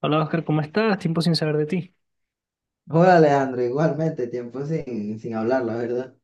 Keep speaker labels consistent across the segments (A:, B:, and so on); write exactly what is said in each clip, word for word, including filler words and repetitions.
A: Hola Oscar, ¿cómo estás? Tiempo sin saber de ti.
B: Hola, Alejandro, igualmente, tiempo sin, sin hablar, la verdad.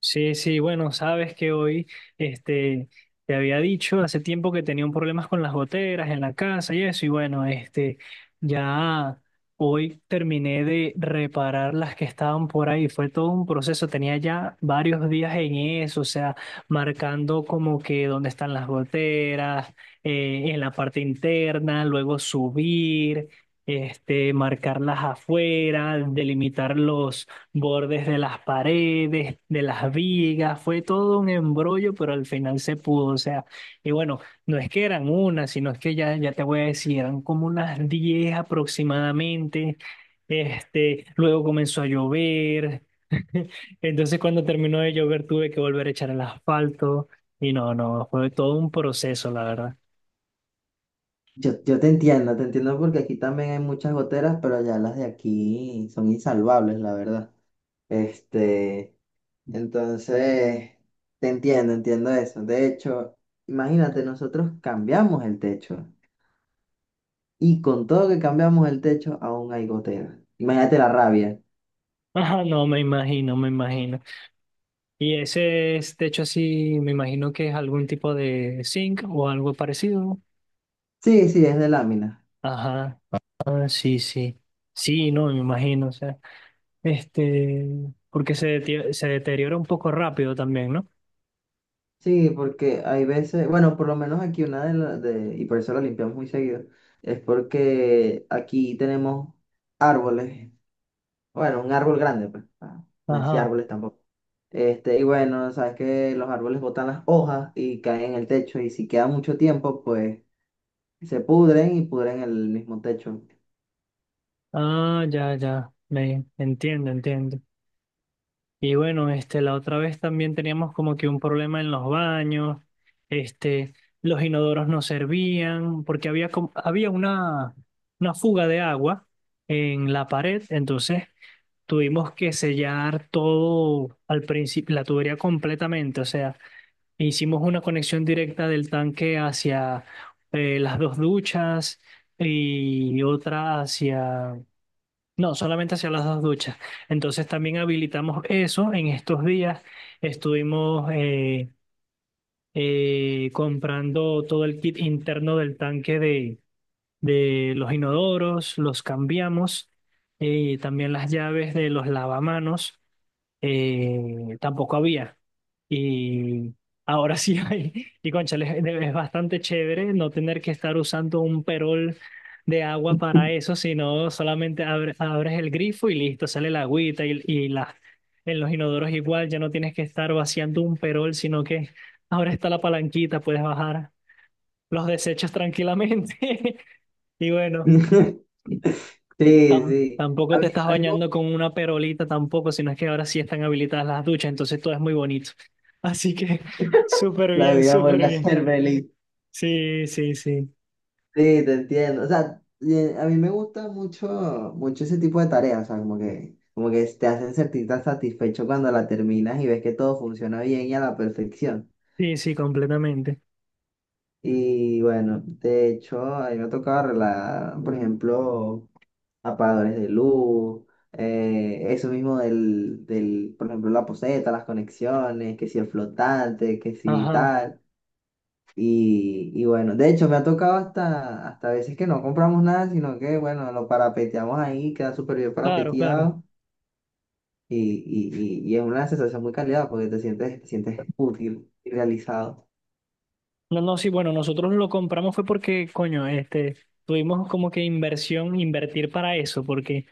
A: Sí, sí, bueno, sabes que hoy este, te había dicho hace tiempo que tenía un problemas con las goteras en la casa y eso, y bueno, este, ya hoy terminé de reparar las que estaban por ahí. Fue todo un proceso, tenía ya varios días en eso, o sea, marcando como que dónde están las goteras, eh, en la parte interna, luego subir. Este, marcarlas afuera, delimitar los bordes de las paredes, de las vigas, fue todo un embrollo, pero al final se pudo, o sea, y bueno, no es que eran una, sino es que ya, ya te voy a decir, eran como unas diez aproximadamente, este, luego comenzó a llover, entonces cuando terminó de llover tuve que volver a echar el asfalto, y no, no, fue todo un proceso, la verdad.
B: Yo, yo te entiendo, te entiendo porque aquí también hay muchas goteras, pero ya las de aquí son insalvables, la verdad. Este, entonces, te entiendo, entiendo eso. De hecho, imagínate, nosotros cambiamos el techo y con todo que cambiamos el techo, aún hay goteras. Imagínate la rabia.
A: Ajá, no, me imagino, me imagino. Y ese es, de hecho, así, me imagino que es algún tipo de zinc o algo parecido.
B: Sí, sí, es de lámina.
A: Ajá, ah, sí, sí. Sí, no, me imagino, o sea, este, porque se, deti- se deteriora un poco rápido también, ¿no?
B: Sí, porque hay veces, bueno, por lo menos aquí una de las, de, y por eso la limpiamos muy seguido, es porque aquí tenemos árboles, bueno, un árbol grande, pues, ah, no decía
A: Ajá,
B: árboles tampoco. Este, y bueno, sabes que los árboles botan las hojas y caen en el techo, y si queda mucho tiempo, pues se pudren y pudren el mismo techo.
A: ah, ya, ya, me entiendo, entiendo. Y bueno, este, la otra vez también teníamos como que un problema en los baños, este, los inodoros no servían, porque había, como- había una, una fuga de agua en la pared, entonces tuvimos que sellar todo al principio, la tubería completamente, o sea. Hicimos una conexión directa del tanque hacia eh, las dos duchas y otra hacia... No, solamente hacia las dos duchas. Entonces también habilitamos eso. En estos días estuvimos eh, eh, comprando todo el kit interno del tanque de, de los inodoros, los cambiamos, eh, también las llaves de los lavamanos eh, tampoco había. Y ahora sí hay. Y cónchale, es es bastante chévere no tener que estar usando un perol de agua para eso, sino solamente abre- abres el grifo y listo, sale la agüita y, y la, en los inodoros igual, ya no tienes que estar vaciando un perol, sino que ahora está la palanquita, puedes bajar los desechos tranquilamente. Y bueno.
B: Sí,
A: Tam-
B: sí. A
A: tampoco te
B: mí-
A: estás
B: a mí me gusta
A: bañando con una perolita tampoco, sino es que ahora sí están habilitadas las duchas, entonces todo es muy bonito. Así que súper
B: la
A: bien,
B: vida
A: súper
B: vuelve a
A: bien.
B: ser feliz.
A: Sí, sí, sí.
B: Sí, te entiendo. O sea, y a mí me gusta mucho, mucho ese tipo de tareas. O sea, como que, como que te hacen sentir tan satisfecho cuando la terminas y ves que todo funciona bien y a la perfección.
A: Sí, sí, completamente.
B: Y bueno, de hecho, a mí me ha tocado arreglar, por ejemplo, apagadores de luz, eh, eso mismo del, del, por ejemplo, la poseta, las conexiones, que si el flotante, que si
A: Ajá,
B: tal. Y, y bueno, de hecho me ha tocado hasta, hasta veces que no compramos nada, sino que bueno, lo parapeteamos ahí, queda súper bien
A: claro, claro.
B: parapeteado y, y, y, y es una sensación muy calidad porque te sientes, te sientes útil y realizado.
A: No, no, sí, bueno, nosotros lo compramos fue porque, coño, este, tuvimos como que inversión, invertir para eso, porque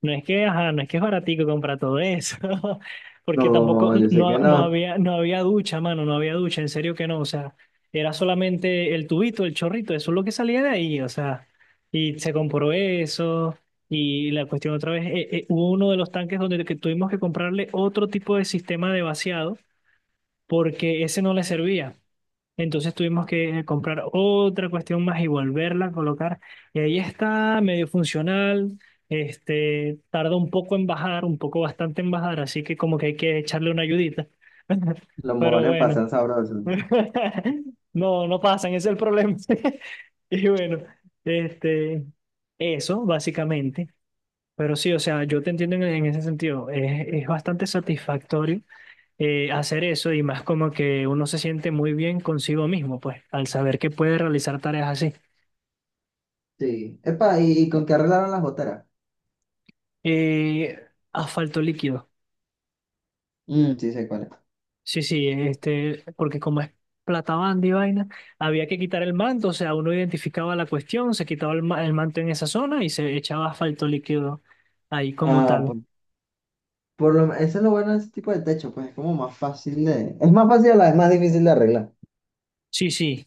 A: no es que, ajá, no es que es baratico comprar todo eso,
B: No,
A: porque tampoco
B: yo sé
A: no,
B: que no,
A: no había, no había ducha, mano, no había ducha, en serio que no, o sea, era solamente el tubito, el chorrito, eso es lo que salía de ahí, o sea, y se compró eso, y la cuestión otra vez, eh, eh, hubo uno de los tanques donde que tuvimos que comprarle otro tipo de sistema de vaciado, porque ese no le servía. Entonces tuvimos que eh, comprar otra cuestión más y volverla a colocar. Y ahí está, medio funcional. Este, tarda un poco en bajar, un poco bastante en bajar, así que como que hay que echarle una ayudita.
B: los
A: Pero
B: mojones
A: bueno,
B: pasan sabrosos.
A: no, no pasan, ese es el problema. Y bueno, este, eso básicamente. Pero sí, o sea, yo te entiendo en, en ese sentido. Es, es bastante satisfactorio eh, hacer eso y más como que uno se siente muy bien consigo mismo, pues, al saber que puede realizar tareas así.
B: Sí, epa, ¿y, y con qué arreglaron las goteras?
A: Eh, asfalto líquido.
B: Mm, sí sé cuál es.
A: Sí, sí, este, porque como es plata banda y vaina, había que quitar el manto, o sea, uno identificaba la cuestión, se quitaba el, ma- el manto en esa zona y se echaba asfalto líquido ahí como
B: Ah,
A: tal.
B: por, por lo, eso es lo bueno de ese tipo de techo, pues es como más fácil de... Es más fácil, a la vez más difícil de arreglar.
A: Sí, sí.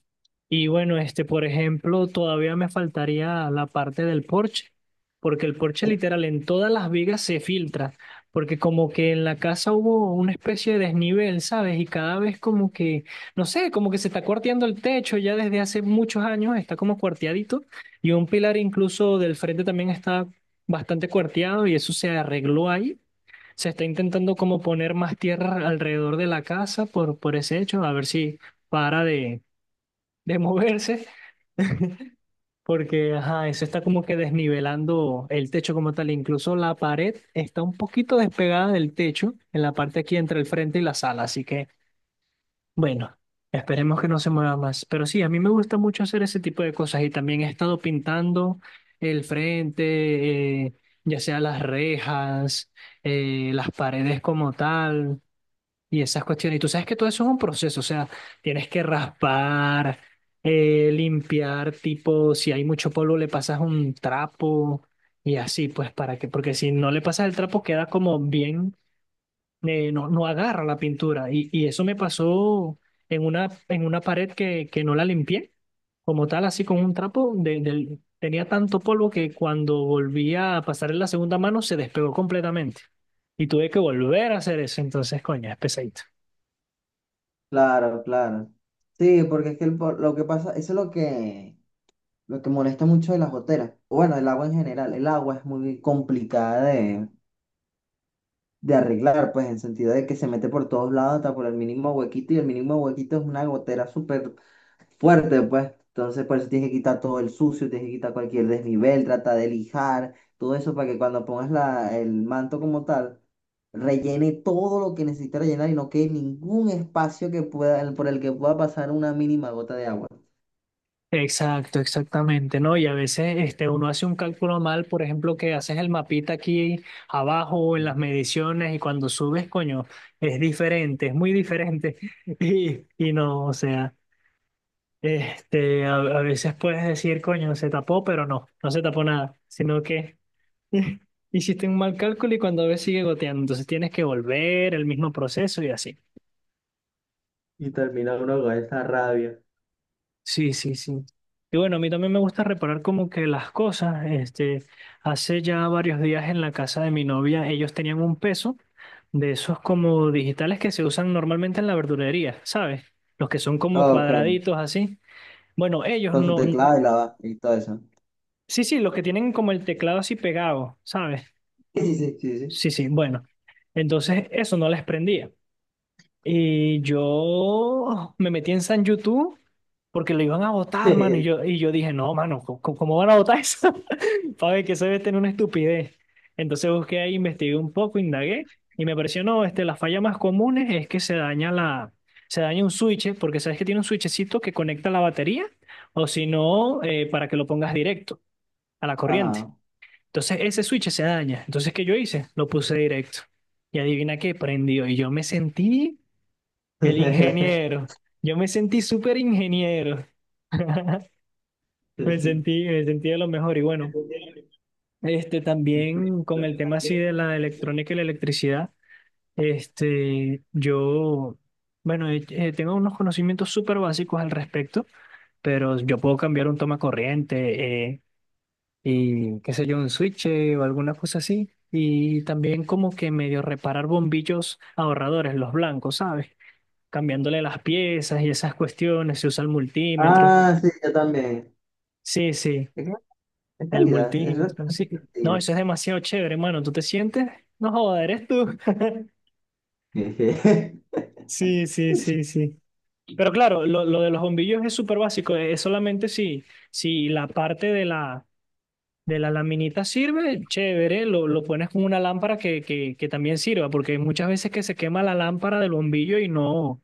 A: Y bueno, este, por ejemplo, todavía me faltaría la parte del porche, porque el porche literal en todas las vigas se filtra, porque como que en la casa hubo una especie de desnivel, ¿sabes? Y cada vez como que, no sé, como que se está cuarteando el techo ya desde hace muchos años, está como cuarteadito, y un pilar incluso del frente también está bastante cuarteado y eso se arregló ahí. Se está intentando como poner más tierra alrededor de la casa por, por ese hecho, a ver si para de de moverse, porque ajá, eso está como que desnivelando el techo como tal. Incluso la pared está un poquito despegada del techo en la parte aquí entre el frente y la sala. Así que, bueno, esperemos que no se mueva más. Pero sí, a mí me gusta mucho hacer ese tipo de cosas y también he estado pintando el frente, eh, ya sea las rejas, eh, las paredes como tal y esas cuestiones. Y tú sabes que todo eso es un proceso, o sea, tienes que raspar, eh, limpiar, tipo, si hay mucho polvo le pasas un trapo y así, pues para que, porque si no le pasas el trapo queda como bien, eh, no, no agarra la pintura. Y, y eso me pasó en una, en una pared que, que no la limpié como tal, así con un trapo, de, del- tenía tanto polvo que cuando volvía a pasar en la segunda mano se despegó completamente. Y tuve que volver a hacer eso, entonces, coño, es pesadito.
B: Claro, claro. Sí, porque es que el po- lo que pasa, eso es lo que, lo que molesta mucho de las goteras. O bueno, el agua en general, el agua es muy complicada de, de arreglar, pues en sentido de que se mete por todos lados, hasta por el mínimo huequito, y el mínimo huequito es una gotera súper fuerte, pues. Entonces, por eso tienes que quitar todo el sucio, tienes que quitar cualquier desnivel, trata de lijar, todo eso para que cuando pongas la, el manto como tal, rellene todo lo que necesita rellenar y no quede ningún espacio que pueda, por el que pueda pasar una mínima gota de agua.
A: Exacto, exactamente, ¿no? Y a veces este, uno hace un cálculo mal, por ejemplo, que haces el mapita aquí abajo en las mediciones y cuando subes, coño, es diferente, es muy diferente. Y, y no, o sea, este, a, a veces puedes decir, coño, se tapó, pero no, no se tapó nada, sino que hiciste un mal cálculo y cuando ves sigue goteando, entonces tienes que volver el mismo proceso y así.
B: Y termina uno con esa rabia.
A: Sí, sí, sí. Y bueno, a mí también me gusta reparar como que las cosas. Este, hace ya varios días en la casa de mi novia, ellos tenían un peso de esos como digitales que se usan normalmente en la verdulería, ¿sabes? Los que son como
B: Ok,
A: cuadraditos así. Bueno, ellos
B: con su
A: no. n-
B: teclado y la y todo eso.
A: Sí, sí, los que tienen como el teclado así pegado, ¿sabes?
B: Sí, sí, sí,
A: Sí, sí, bueno. Entonces eso no les prendía. Y yo me metí en San YouTube porque lo iban a votar, mano. Y
B: sí.
A: yo, y yo dije, no, mano, ¿cómo, cómo van a votar eso? Para ver que eso debe tener una estupidez. Entonces busqué ahí, investigué un poco, indagué y me pareció, no, este, la falla más común es que se daña la, se daña un switch, porque sabes que tiene un switchecito que conecta la batería o si no, eh, para que lo pongas directo a la corriente.
B: Ajá.
A: Entonces ese switch se daña. Entonces, ¿qué yo hice? Lo puse directo. Y adivina qué, prendió. Y yo me sentí el ingeniero. Yo me sentí súper ingeniero. Me sentí, me sentí de lo mejor. Y bueno, este también con el tema así de la electrónica y la electricidad, este, yo, bueno, eh, eh, tengo unos conocimientos súper básicos al respecto, pero yo puedo cambiar un toma corriente eh, y qué sé yo, un switch eh, o alguna cosa así. Y también como que medio reparar bombillos ahorradores, los blancos, ¿sabes? Cambiándole las piezas y esas cuestiones, se usa el multímetro.
B: Ah, sí, yo también.
A: Sí, sí,
B: Es que en
A: el
B: calidad, eso es
A: multímetro, sí. No,
B: sencillo.
A: eso es demasiado chévere, hermano. ¿Tú te sientes? No joder, eres tú.
B: Jeje.
A: Sí, sí, sí, sí. Pero claro, lo, lo de los bombillos es súper básico. Es solamente si, si la parte de la, de la laminita sirve, chévere, lo, lo pones con una lámpara que, que, que también sirva, porque hay muchas veces que se quema la lámpara del bombillo y no.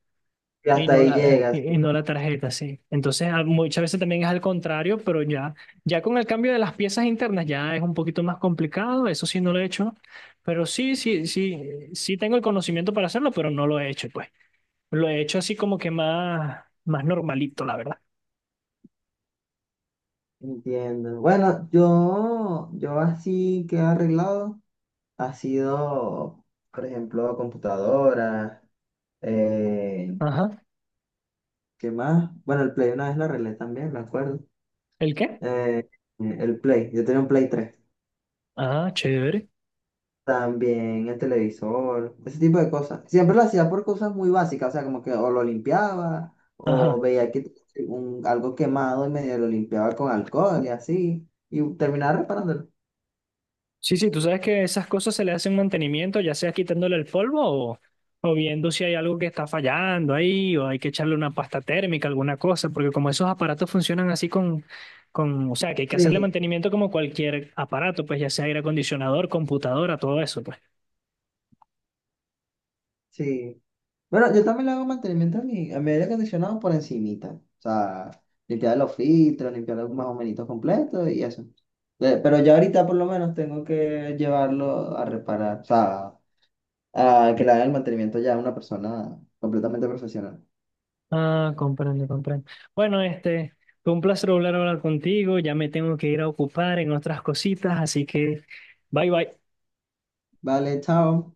B: Y
A: Y
B: hasta
A: no
B: ahí
A: la,
B: llegas,
A: y no la tarjeta, sí. Entonces, a- muchas veces también es al contrario, pero ya, ya con el cambio de las piezas internas ya es un poquito más complicado, eso sí no lo he hecho, pero sí, sí, sí, sí tengo el conocimiento para hacerlo, pero no lo he hecho, pues. Lo he hecho así como que más, más normalito, la verdad.
B: entiendo. Bueno, yo, yo así que he arreglado ha sido, por ejemplo, computadora, eh,
A: Ajá.
B: ¿qué más? Bueno, el Play una vez lo arreglé también, me acuerdo.
A: ¿El qué?
B: Eh, el Play, yo tenía un Play tres.
A: Ah, chévere.
B: También el televisor, ese tipo de cosas. Siempre lo hacía por cosas muy básicas, o sea, como que o lo limpiaba, o
A: Ajá.
B: veía que tenía un- algo quemado y medio lo limpiaba con alcohol y así, y terminaba reparándolo.
A: Sí, sí, tú sabes que esas cosas se le hacen mantenimiento, ya sea quitándole el polvo o, o viendo si hay algo que está fallando ahí o hay que echarle una pasta térmica, alguna cosa, porque como esos aparatos funcionan así con, con, o sea, que hay que hacerle
B: Sí,
A: mantenimiento como cualquier aparato, pues ya sea aire acondicionador, computadora, todo eso, pues.
B: sí. Bueno, yo también le hago mantenimiento a mi, a mi aire acondicionado por encimita. O sea, limpiar los filtros, limpiar los más o menos completos y eso. Eh, Pero ya ahorita por lo menos tengo que llevarlo a reparar, o sea, a que le haga el mantenimiento ya a una persona completamente profesional.
A: Ah, comprendo, comprendo. Bueno, este, fue un placer volver a hablar contigo, ya me tengo que ir a ocupar en otras cositas, así que bye bye.
B: Vale, chao.